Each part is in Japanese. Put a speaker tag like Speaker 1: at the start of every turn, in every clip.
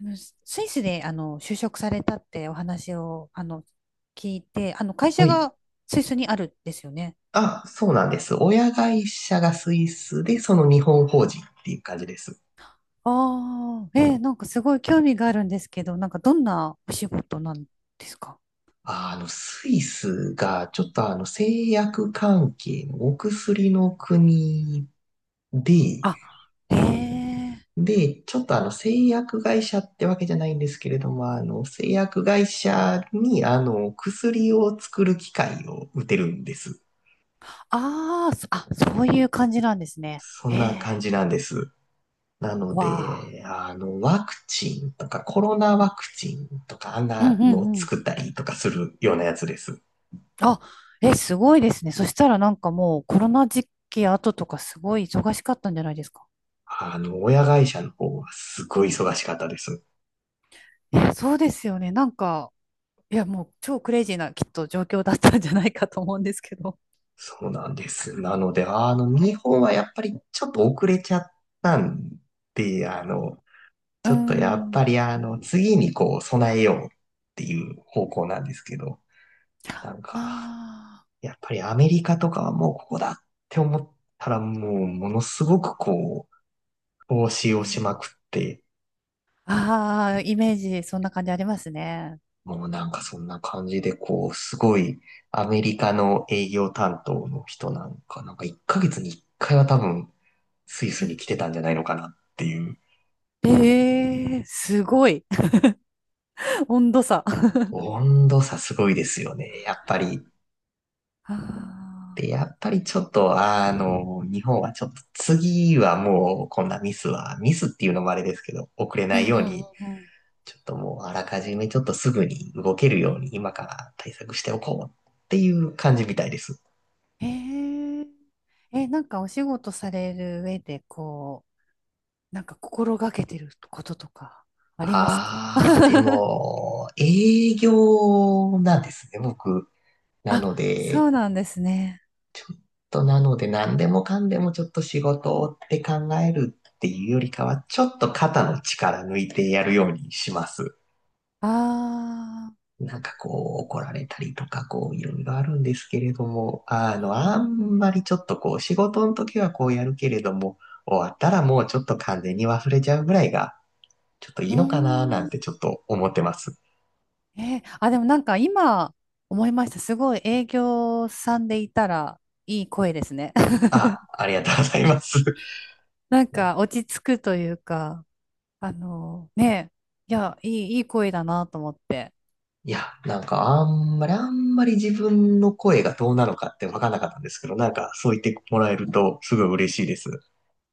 Speaker 1: あのススイスで、あの就職されたってお話を聞いて、あの会
Speaker 2: は
Speaker 1: 社
Speaker 2: い。
Speaker 1: がスイスにあるんですよね。
Speaker 2: あ、そうなんです。親会社がスイスで、その日本法人っていう感じです。
Speaker 1: ああ、なんかすごい興味があるんですけど、なんかどんなお仕事なんですか？
Speaker 2: スイスが、ちょっと製薬関係のお薬の国で、
Speaker 1: あ、へえ。
Speaker 2: で、ちょっと製薬会社ってわけじゃないんですけれども、製薬会社に、薬を作る機械を打てるんです。
Speaker 1: そういう感じなんですね。
Speaker 2: そ
Speaker 1: へ
Speaker 2: ん
Speaker 1: え。
Speaker 2: な感じなんです。なの
Speaker 1: わあ。
Speaker 2: で、ワクチンとか、コロナワクチンとか、あん
Speaker 1: うんう
Speaker 2: なのを
Speaker 1: んうん。
Speaker 2: 作ったりとかするようなやつです。
Speaker 1: あ、え、すごいですね。そしたらなんかもうコロナ時期後とかすごい忙しかったんじゃないですか。
Speaker 2: 親会社の方はすごい忙しかったです。
Speaker 1: えそうですよね。なんか、いや、もう超クレイジーなきっと状況だったんじゃないかと思うんですけど。
Speaker 2: そうなんです。なので、日本はやっぱりちょっと遅れちゃったんで、
Speaker 1: う
Speaker 2: ち
Speaker 1: ー
Speaker 2: ょっとやっぱ
Speaker 1: ん。
Speaker 2: り次にこう、備えようっていう方向なんですけど、なんか、
Speaker 1: あ
Speaker 2: やっぱりアメリカとかはもうここだって思ったらもう、ものすごくこう、投資
Speaker 1: あ。
Speaker 2: を
Speaker 1: う
Speaker 2: しま
Speaker 1: ん。
Speaker 2: くって、
Speaker 1: ああ、イメージ、そんな感じありますね。
Speaker 2: もうなんかそんな感じで、こう、すごいアメリカの営業担当の人なんか、なんか1ヶ月に1回は多分スイ
Speaker 1: う
Speaker 2: スに
Speaker 1: ん。
Speaker 2: 来てたんじゃないのかなっていう、
Speaker 1: ええ、すごい。温度差。
Speaker 2: 温度差すごいですよね、やっぱり。
Speaker 1: あ
Speaker 2: で、やっぱりちょっと、
Speaker 1: ー、
Speaker 2: 日本はちょっと次はもうこんなミスは、ミスっていうのもあれですけど、遅れ
Speaker 1: う
Speaker 2: ない
Speaker 1: ん
Speaker 2: よ
Speaker 1: う
Speaker 2: うに、
Speaker 1: んうんうん。
Speaker 2: ちょっともうあらかじめちょっとすぐに動けるように今から対策しておこうっていう感じみたいです。
Speaker 1: ええ。え、なんかお仕事される上で、こう、なんか心がけてることとかありますか？
Speaker 2: ああ、で も、営業なんですね、僕。な
Speaker 1: あ、
Speaker 2: ので、え
Speaker 1: そ
Speaker 2: っ
Speaker 1: うなんですね。
Speaker 2: 何でもかんでもちょっと仕事って考えるっていうよりかは、ちょっと肩の力抜いてやるようにします。
Speaker 1: ああ。
Speaker 2: なんかこう、怒られたりとか、こう、いろいろあるんですけれども、
Speaker 1: う
Speaker 2: あ
Speaker 1: ん。
Speaker 2: んまりちょっとこう、仕事の時はこうやるけれども、終わったらもうちょっと完全に忘れちゃうぐらいが、ちょっとい
Speaker 1: う
Speaker 2: い
Speaker 1: ー
Speaker 2: のかな、なん
Speaker 1: ん。
Speaker 2: てちょっと思ってます。
Speaker 1: あ、でもなんか今思いました。すごい営業さんでいたらいい声ですね。
Speaker 2: あ、ありがとうございます。
Speaker 1: なんか落ち着くというか、あのね、いや、いい声だなと思って。
Speaker 2: いや、なんかあんまり自分の声がどうなのかって分かんなかったんですけど、なんかそう言ってもらえるとすごい嬉しいです。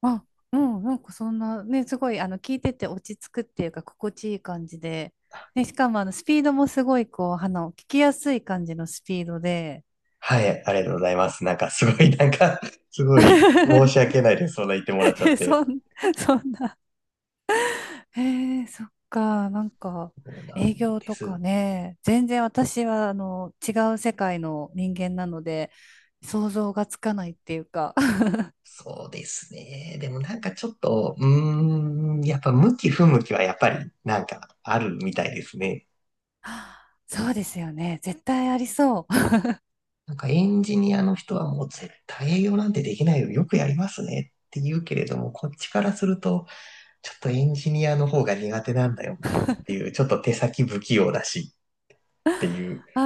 Speaker 1: あ、うん、なんかそんな、ね、すごい、あの、聞いてて落ち着くっていうか、心地いい感じで。ね、しかも、あの、スピードもすごい、こう、あの、聞きやすい感じのスピードで。
Speaker 2: はい、ありがとうございます。なんかすごい、なんか すごい申し 訳ないです。そんな言ってもらっちゃ
Speaker 1: え
Speaker 2: っ
Speaker 1: そ
Speaker 2: て。
Speaker 1: ん、そんなへえ、そっか、なんか、
Speaker 2: そうなん
Speaker 1: 営業
Speaker 2: で
Speaker 1: とか
Speaker 2: す。
Speaker 1: ね、全然私は、あの、違う世界の人間なので、想像がつかないっていうか、
Speaker 2: そうですね。でもなんかちょっと、うーん、やっぱ向き不向きはやっぱりなんかあるみたいですね。
Speaker 1: そうですよね、絶対ありそう。
Speaker 2: なんかエンジニアの人はもう絶対営業なんてできないよ。よくやりますねって言うけれども、こっちからすると、ちょっとエンジニアの方が苦手なんだよなっていう、ちょっと手先不器用だしっていう。
Speaker 1: ああ、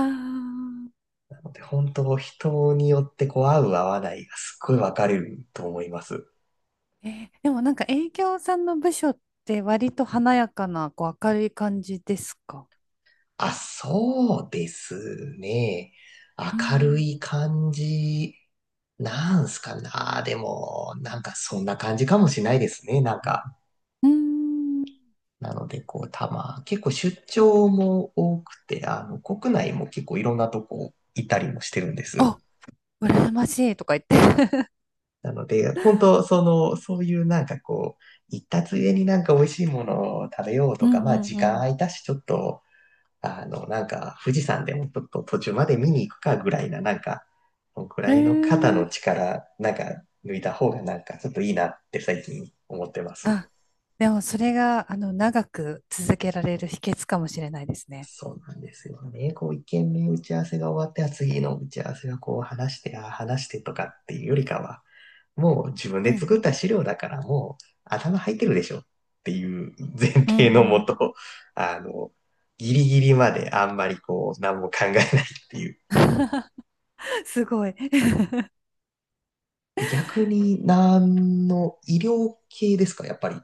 Speaker 2: なので本当人によってこう合う合わないがすっごい分かれると思います。
Speaker 1: でもなんか営業さんの部署って割と華やかな、こう、明るい感じですか？
Speaker 2: あ、そうですね。
Speaker 1: う
Speaker 2: 明る
Speaker 1: ん。
Speaker 2: い感じなんすかな。でも、なんかそんな感じかもしれないですね。なんか。
Speaker 1: うーん。
Speaker 2: なので、こう、たま、結構出張も多くて、国内も結構いろんなとこ行ったりもしてるんです。
Speaker 1: あ、羨ましいとか言って。
Speaker 2: なので、本当、その、そういうなんかこう、行ったついでになんか美味しいものを食べよう
Speaker 1: う
Speaker 2: とか、まあ
Speaker 1: ん
Speaker 2: 時
Speaker 1: う
Speaker 2: 間空
Speaker 1: ん
Speaker 2: いたし、ちょっと、なんか富士山でもちょっと途中まで見に行くかぐらいな、なんか、このく
Speaker 1: う
Speaker 2: らいの肩
Speaker 1: ん。
Speaker 2: の
Speaker 1: ー
Speaker 2: 力、なんか抜いた方がなんかちょっといいなって最近思ってます。
Speaker 1: あ、でもそれが、あの、長く続けられる秘訣かもしれないですね。
Speaker 2: そうなんですよね。こう、一軒目打ち合わせが終わって、あ次の打ち合わせがこう話して、あ話してとかっていうよりかは、もう自分
Speaker 1: うん
Speaker 2: で
Speaker 1: う
Speaker 2: 作った
Speaker 1: ん。
Speaker 2: 資料だからもう頭入ってるでしょっていう前
Speaker 1: う
Speaker 2: 提
Speaker 1: ん
Speaker 2: の
Speaker 1: う
Speaker 2: も
Speaker 1: ん。
Speaker 2: と、あの、ギリギリまであんまりこう何も考えないっていう。
Speaker 1: すごい。
Speaker 2: え、逆に何の医療系ですか、やっぱり。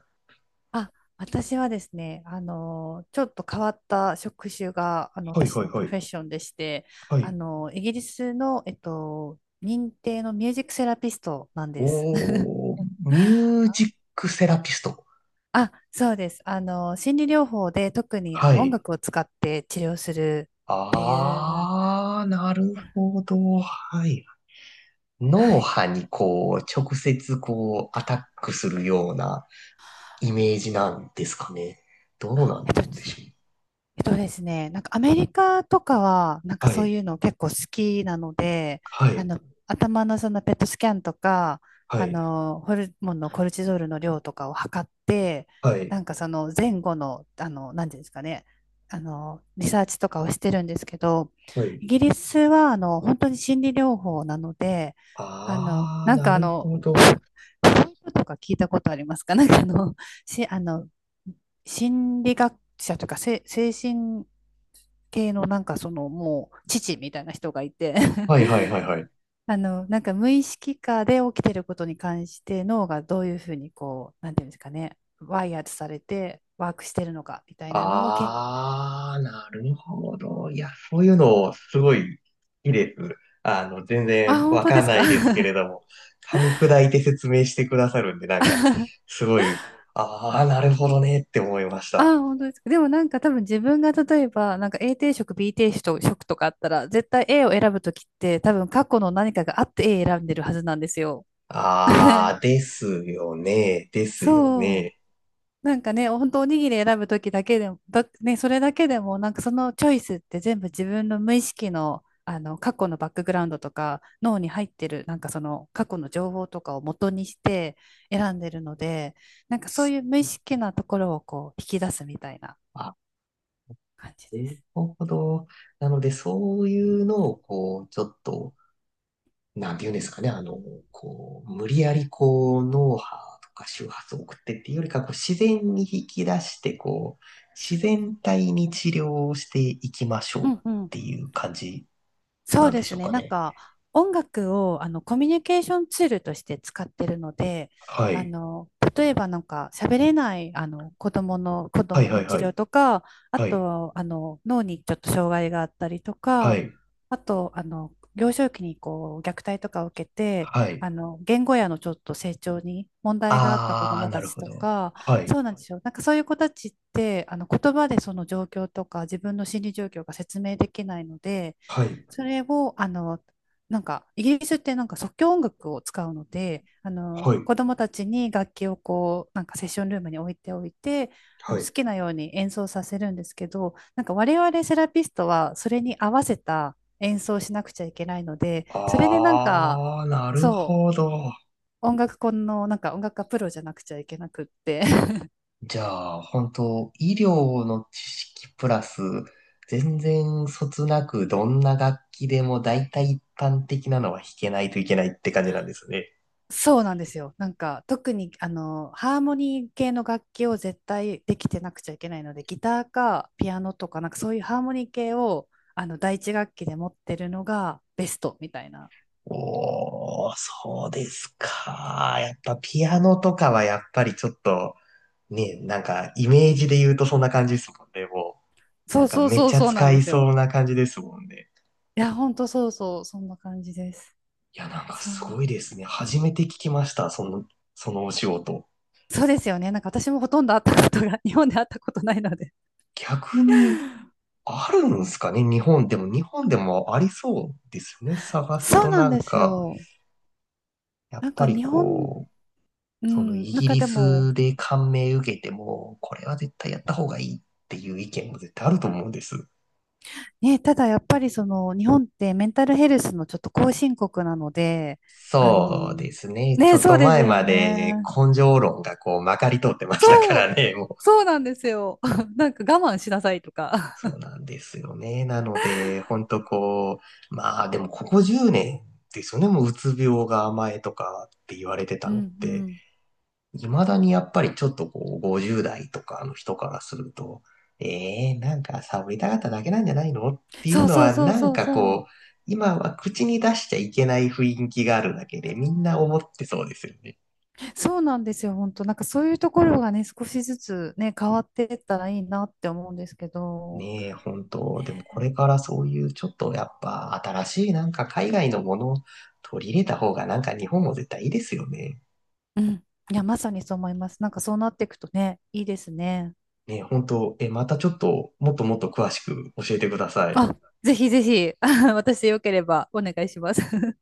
Speaker 1: あ、私はですね、あの、ちょっと変わった職種が、あの、
Speaker 2: はい
Speaker 1: 私
Speaker 2: はい
Speaker 1: のプ
Speaker 2: は
Speaker 1: ロ
Speaker 2: い。
Speaker 1: フェッションでして、
Speaker 2: は
Speaker 1: あ
Speaker 2: い。
Speaker 1: の、イギリスの、認定のミュージックセラピストなんです。
Speaker 2: おー、ミ ュージックセラピスト。
Speaker 1: あ、そうです。あの、心理療法で特にあ
Speaker 2: は
Speaker 1: の音
Speaker 2: い。
Speaker 1: 楽を使って治療するっていう、
Speaker 2: あー、なるほど。はい。
Speaker 1: は
Speaker 2: 脳
Speaker 1: い。
Speaker 2: 波にこう、直接こう、アタックするようなイメージなんですかね。どうな
Speaker 1: えっと、
Speaker 2: んでしょ
Speaker 1: えっとですね、なんかアメリカとかは、なん
Speaker 2: う。
Speaker 1: か
Speaker 2: は
Speaker 1: そう
Speaker 2: い、
Speaker 1: いうの結構好きなので、
Speaker 2: は
Speaker 1: あ
Speaker 2: い、
Speaker 1: の、頭のそのペットスキャンとか、
Speaker 2: は
Speaker 1: あ
Speaker 2: い、
Speaker 1: の、ホルモンのコルチゾールの量とかを測って、
Speaker 2: は
Speaker 1: な
Speaker 2: い、
Speaker 1: んかその前後の、あの、なんていうんですかね、あの、リサーチとかをしてるんですけど、
Speaker 2: はい。
Speaker 1: イギリスは、あの、本当に心理療法なので、あの、
Speaker 2: あー、
Speaker 1: なん
Speaker 2: な
Speaker 1: かあ
Speaker 2: る
Speaker 1: の、
Speaker 2: ほ
Speaker 1: フ
Speaker 2: ど。
Speaker 1: ロイトとか聞いたことありますか？なんかあの、あの、心理学者というか、精神系のなんかそのもう父みたいな人がいて
Speaker 2: はい、はい、はい、はい。
Speaker 1: あの、なんか無意識下で起きてることに関して脳がどういうふうにこう、なんていうんですかね、ワイヤーされてワークしてるのかみたいなのを研究。
Speaker 2: あー、なるほど。いや、そういうの、すごい、いいです。全
Speaker 1: あ、
Speaker 2: 然
Speaker 1: 本
Speaker 2: わ
Speaker 1: 当
Speaker 2: か
Speaker 1: で
Speaker 2: ん
Speaker 1: す
Speaker 2: な
Speaker 1: か？
Speaker 2: いですけれ ども、噛み砕いて説明してくださるんで、なんか、すごい、あー、なるほどねって思いました。
Speaker 1: あ、本当ですか。でもなんか多分自分が例えば、なんか A 定食、B 定食とかあったら、絶対 A を選ぶときって多分過去の何かがあって A 選んでるはずなんですよ。
Speaker 2: あー、ですよね、ですよ
Speaker 1: そう。
Speaker 2: ね。
Speaker 1: なんかね、本当おにぎり選ぶときだけでも、それだけでも、なんかそのチョイスって全部自分の無意識の、あの過去のバックグラウンドとか脳に入ってるなんかその過去の情報とかを元にして選んでるので、なんかそういう無意識なところをこう引き出すみたいな感じで
Speaker 2: なる
Speaker 1: す。
Speaker 2: ほど。なので、そういうのを、こう、ちょっと、なんて言うんですかね、こう、無理やり、こう、脳波とか周波数を送ってっていうよりか、こう、自然に引き出して、こう、自然体に治療をしていきましょ
Speaker 1: う
Speaker 2: うっ
Speaker 1: んうん。
Speaker 2: ていう感じ
Speaker 1: そう
Speaker 2: なん
Speaker 1: で
Speaker 2: でし
Speaker 1: す
Speaker 2: ょう
Speaker 1: ね。
Speaker 2: か
Speaker 1: なん
Speaker 2: ね。
Speaker 1: か、音楽をあのコミュニケーションツールとして使ってるので、
Speaker 2: は
Speaker 1: あ
Speaker 2: い。
Speaker 1: の、例えばなんか喋れないあの子
Speaker 2: はい
Speaker 1: 供
Speaker 2: は
Speaker 1: の
Speaker 2: い
Speaker 1: 治
Speaker 2: は
Speaker 1: 療
Speaker 2: い。
Speaker 1: とか、あ
Speaker 2: はい。
Speaker 1: と、あの、脳にちょっと障害があったりと
Speaker 2: は
Speaker 1: か、
Speaker 2: い。
Speaker 1: あと、あの、幼少期にこう虐待とかを受けて、
Speaker 2: は
Speaker 1: あ
Speaker 2: い。
Speaker 1: の、言語やのちょっと成長に問題があった子
Speaker 2: あ
Speaker 1: 供
Speaker 2: ー、な
Speaker 1: た
Speaker 2: る
Speaker 1: ち
Speaker 2: ほ
Speaker 1: と
Speaker 2: ど。
Speaker 1: か、
Speaker 2: は
Speaker 1: そ
Speaker 2: い。
Speaker 1: うなんですよ。なんかそういう子たちって、あの、言葉でその状況とか自分の心理状況が説明できないので、
Speaker 2: はい。
Speaker 1: それを、あの、なんか、イギリスってなんか即興音楽を使うので、あ
Speaker 2: は
Speaker 1: の、
Speaker 2: い。
Speaker 1: 子供たちに楽器をこう、なんかセッションルームに置いておいて、あ
Speaker 2: は
Speaker 1: の好
Speaker 2: い。
Speaker 1: きなように演奏させるんですけど、なんか我々セラピストはそれに合わせた演奏をしなくちゃいけないので、それでなんか、
Speaker 2: あー、なる
Speaker 1: そ
Speaker 2: ほ
Speaker 1: う、
Speaker 2: ど。
Speaker 1: 音楽家の、なんか音楽家プロじゃなくちゃいけなくって、
Speaker 2: じゃあ、本当医療の知識プラス、全然そつなくどんな楽器でも大体一般的なのは弾けないといけないって感じなんですね。
Speaker 1: そうなんですよ。なんか特にあのハーモニー系の楽器を絶対できてなくちゃいけないので、ギターかピアノとかなんかそういうハーモニー系をあの第一楽器で持ってるのがベストみたいな。
Speaker 2: おー、そうですか。やっぱピアノとかはやっぱりちょっと、ね、なんかイメージで言うとそんな感じですもんね、もう。
Speaker 1: そ
Speaker 2: なん
Speaker 1: う
Speaker 2: か
Speaker 1: そう
Speaker 2: めっ
Speaker 1: そう
Speaker 2: ちゃ
Speaker 1: そうなん
Speaker 2: 使
Speaker 1: で
Speaker 2: い
Speaker 1: す
Speaker 2: そ
Speaker 1: よ。
Speaker 2: うな感じですもんね。
Speaker 1: いや本当そうそうそんな感じです。
Speaker 2: いや、なんか
Speaker 1: そう、
Speaker 2: すごいですね。初めて聞きました、その、そのお仕事。
Speaker 1: そうですよね。なんか私もほとんど会ったことが 日本で会ったことないので。
Speaker 2: 逆に、あるんですかね、日本でも。日本でもありそうですよね。探す
Speaker 1: そう
Speaker 2: と
Speaker 1: なん
Speaker 2: な
Speaker 1: で
Speaker 2: ん
Speaker 1: す
Speaker 2: か、
Speaker 1: よ。
Speaker 2: やっ
Speaker 1: なん
Speaker 2: ぱ
Speaker 1: か
Speaker 2: り
Speaker 1: 日本、
Speaker 2: こう、
Speaker 1: う
Speaker 2: その
Speaker 1: ん、
Speaker 2: イ
Speaker 1: なん
Speaker 2: ギ
Speaker 1: か
Speaker 2: リ
Speaker 1: でも
Speaker 2: スで感銘受けても、これは絶対やった方がいいっていう意見も絶対あると思うんです。
Speaker 1: ね、ただやっぱりその日本ってメンタルヘルスのちょっと後進国なので、あの、
Speaker 2: そうですね。ちょ
Speaker 1: ね、
Speaker 2: っ
Speaker 1: そ
Speaker 2: と
Speaker 1: うです
Speaker 2: 前
Speaker 1: よ
Speaker 2: まで
Speaker 1: ね。
Speaker 2: 根性論がこうまかり通ってましたか
Speaker 1: そう、
Speaker 2: らね。もう
Speaker 1: そうなんですよ。なんか我慢しなさいとか。
Speaker 2: そうなんですよね。なので、ほんとこう、まあでもここ10年ですよね。もううつ病が甘えとかって言われて
Speaker 1: う
Speaker 2: たのっ
Speaker 1: んう
Speaker 2: て。
Speaker 1: ん。
Speaker 2: 未だにやっぱりちょっとこう、50代とかの人からすると、えー、なんかサボりたかっただけなんじゃないのってい
Speaker 1: そ
Speaker 2: う
Speaker 1: う
Speaker 2: の
Speaker 1: そう
Speaker 2: は、
Speaker 1: そう
Speaker 2: なん
Speaker 1: そう
Speaker 2: か
Speaker 1: そ
Speaker 2: こ
Speaker 1: う。
Speaker 2: う、今は口に出しちゃいけない雰囲気があるだけで、みんな思ってそうですよね。
Speaker 1: そうなんですよ、本当。なんかそういうところがね、少しずつね、変わっていったらいいなって思うんですけど。
Speaker 2: ねえ、本当。でもこれからそういうちょっとやっぱ新しいなんか海外のものを取り入れた方がなんか日本も絶対いいですよね。
Speaker 1: うん。いや、まさにそう思います。なんかそうなっていくとね、いいですね。
Speaker 2: ねえ、本当。え、またちょっともっともっと詳しく教えてください。
Speaker 1: あ、ぜひぜひ、私よければお願いします。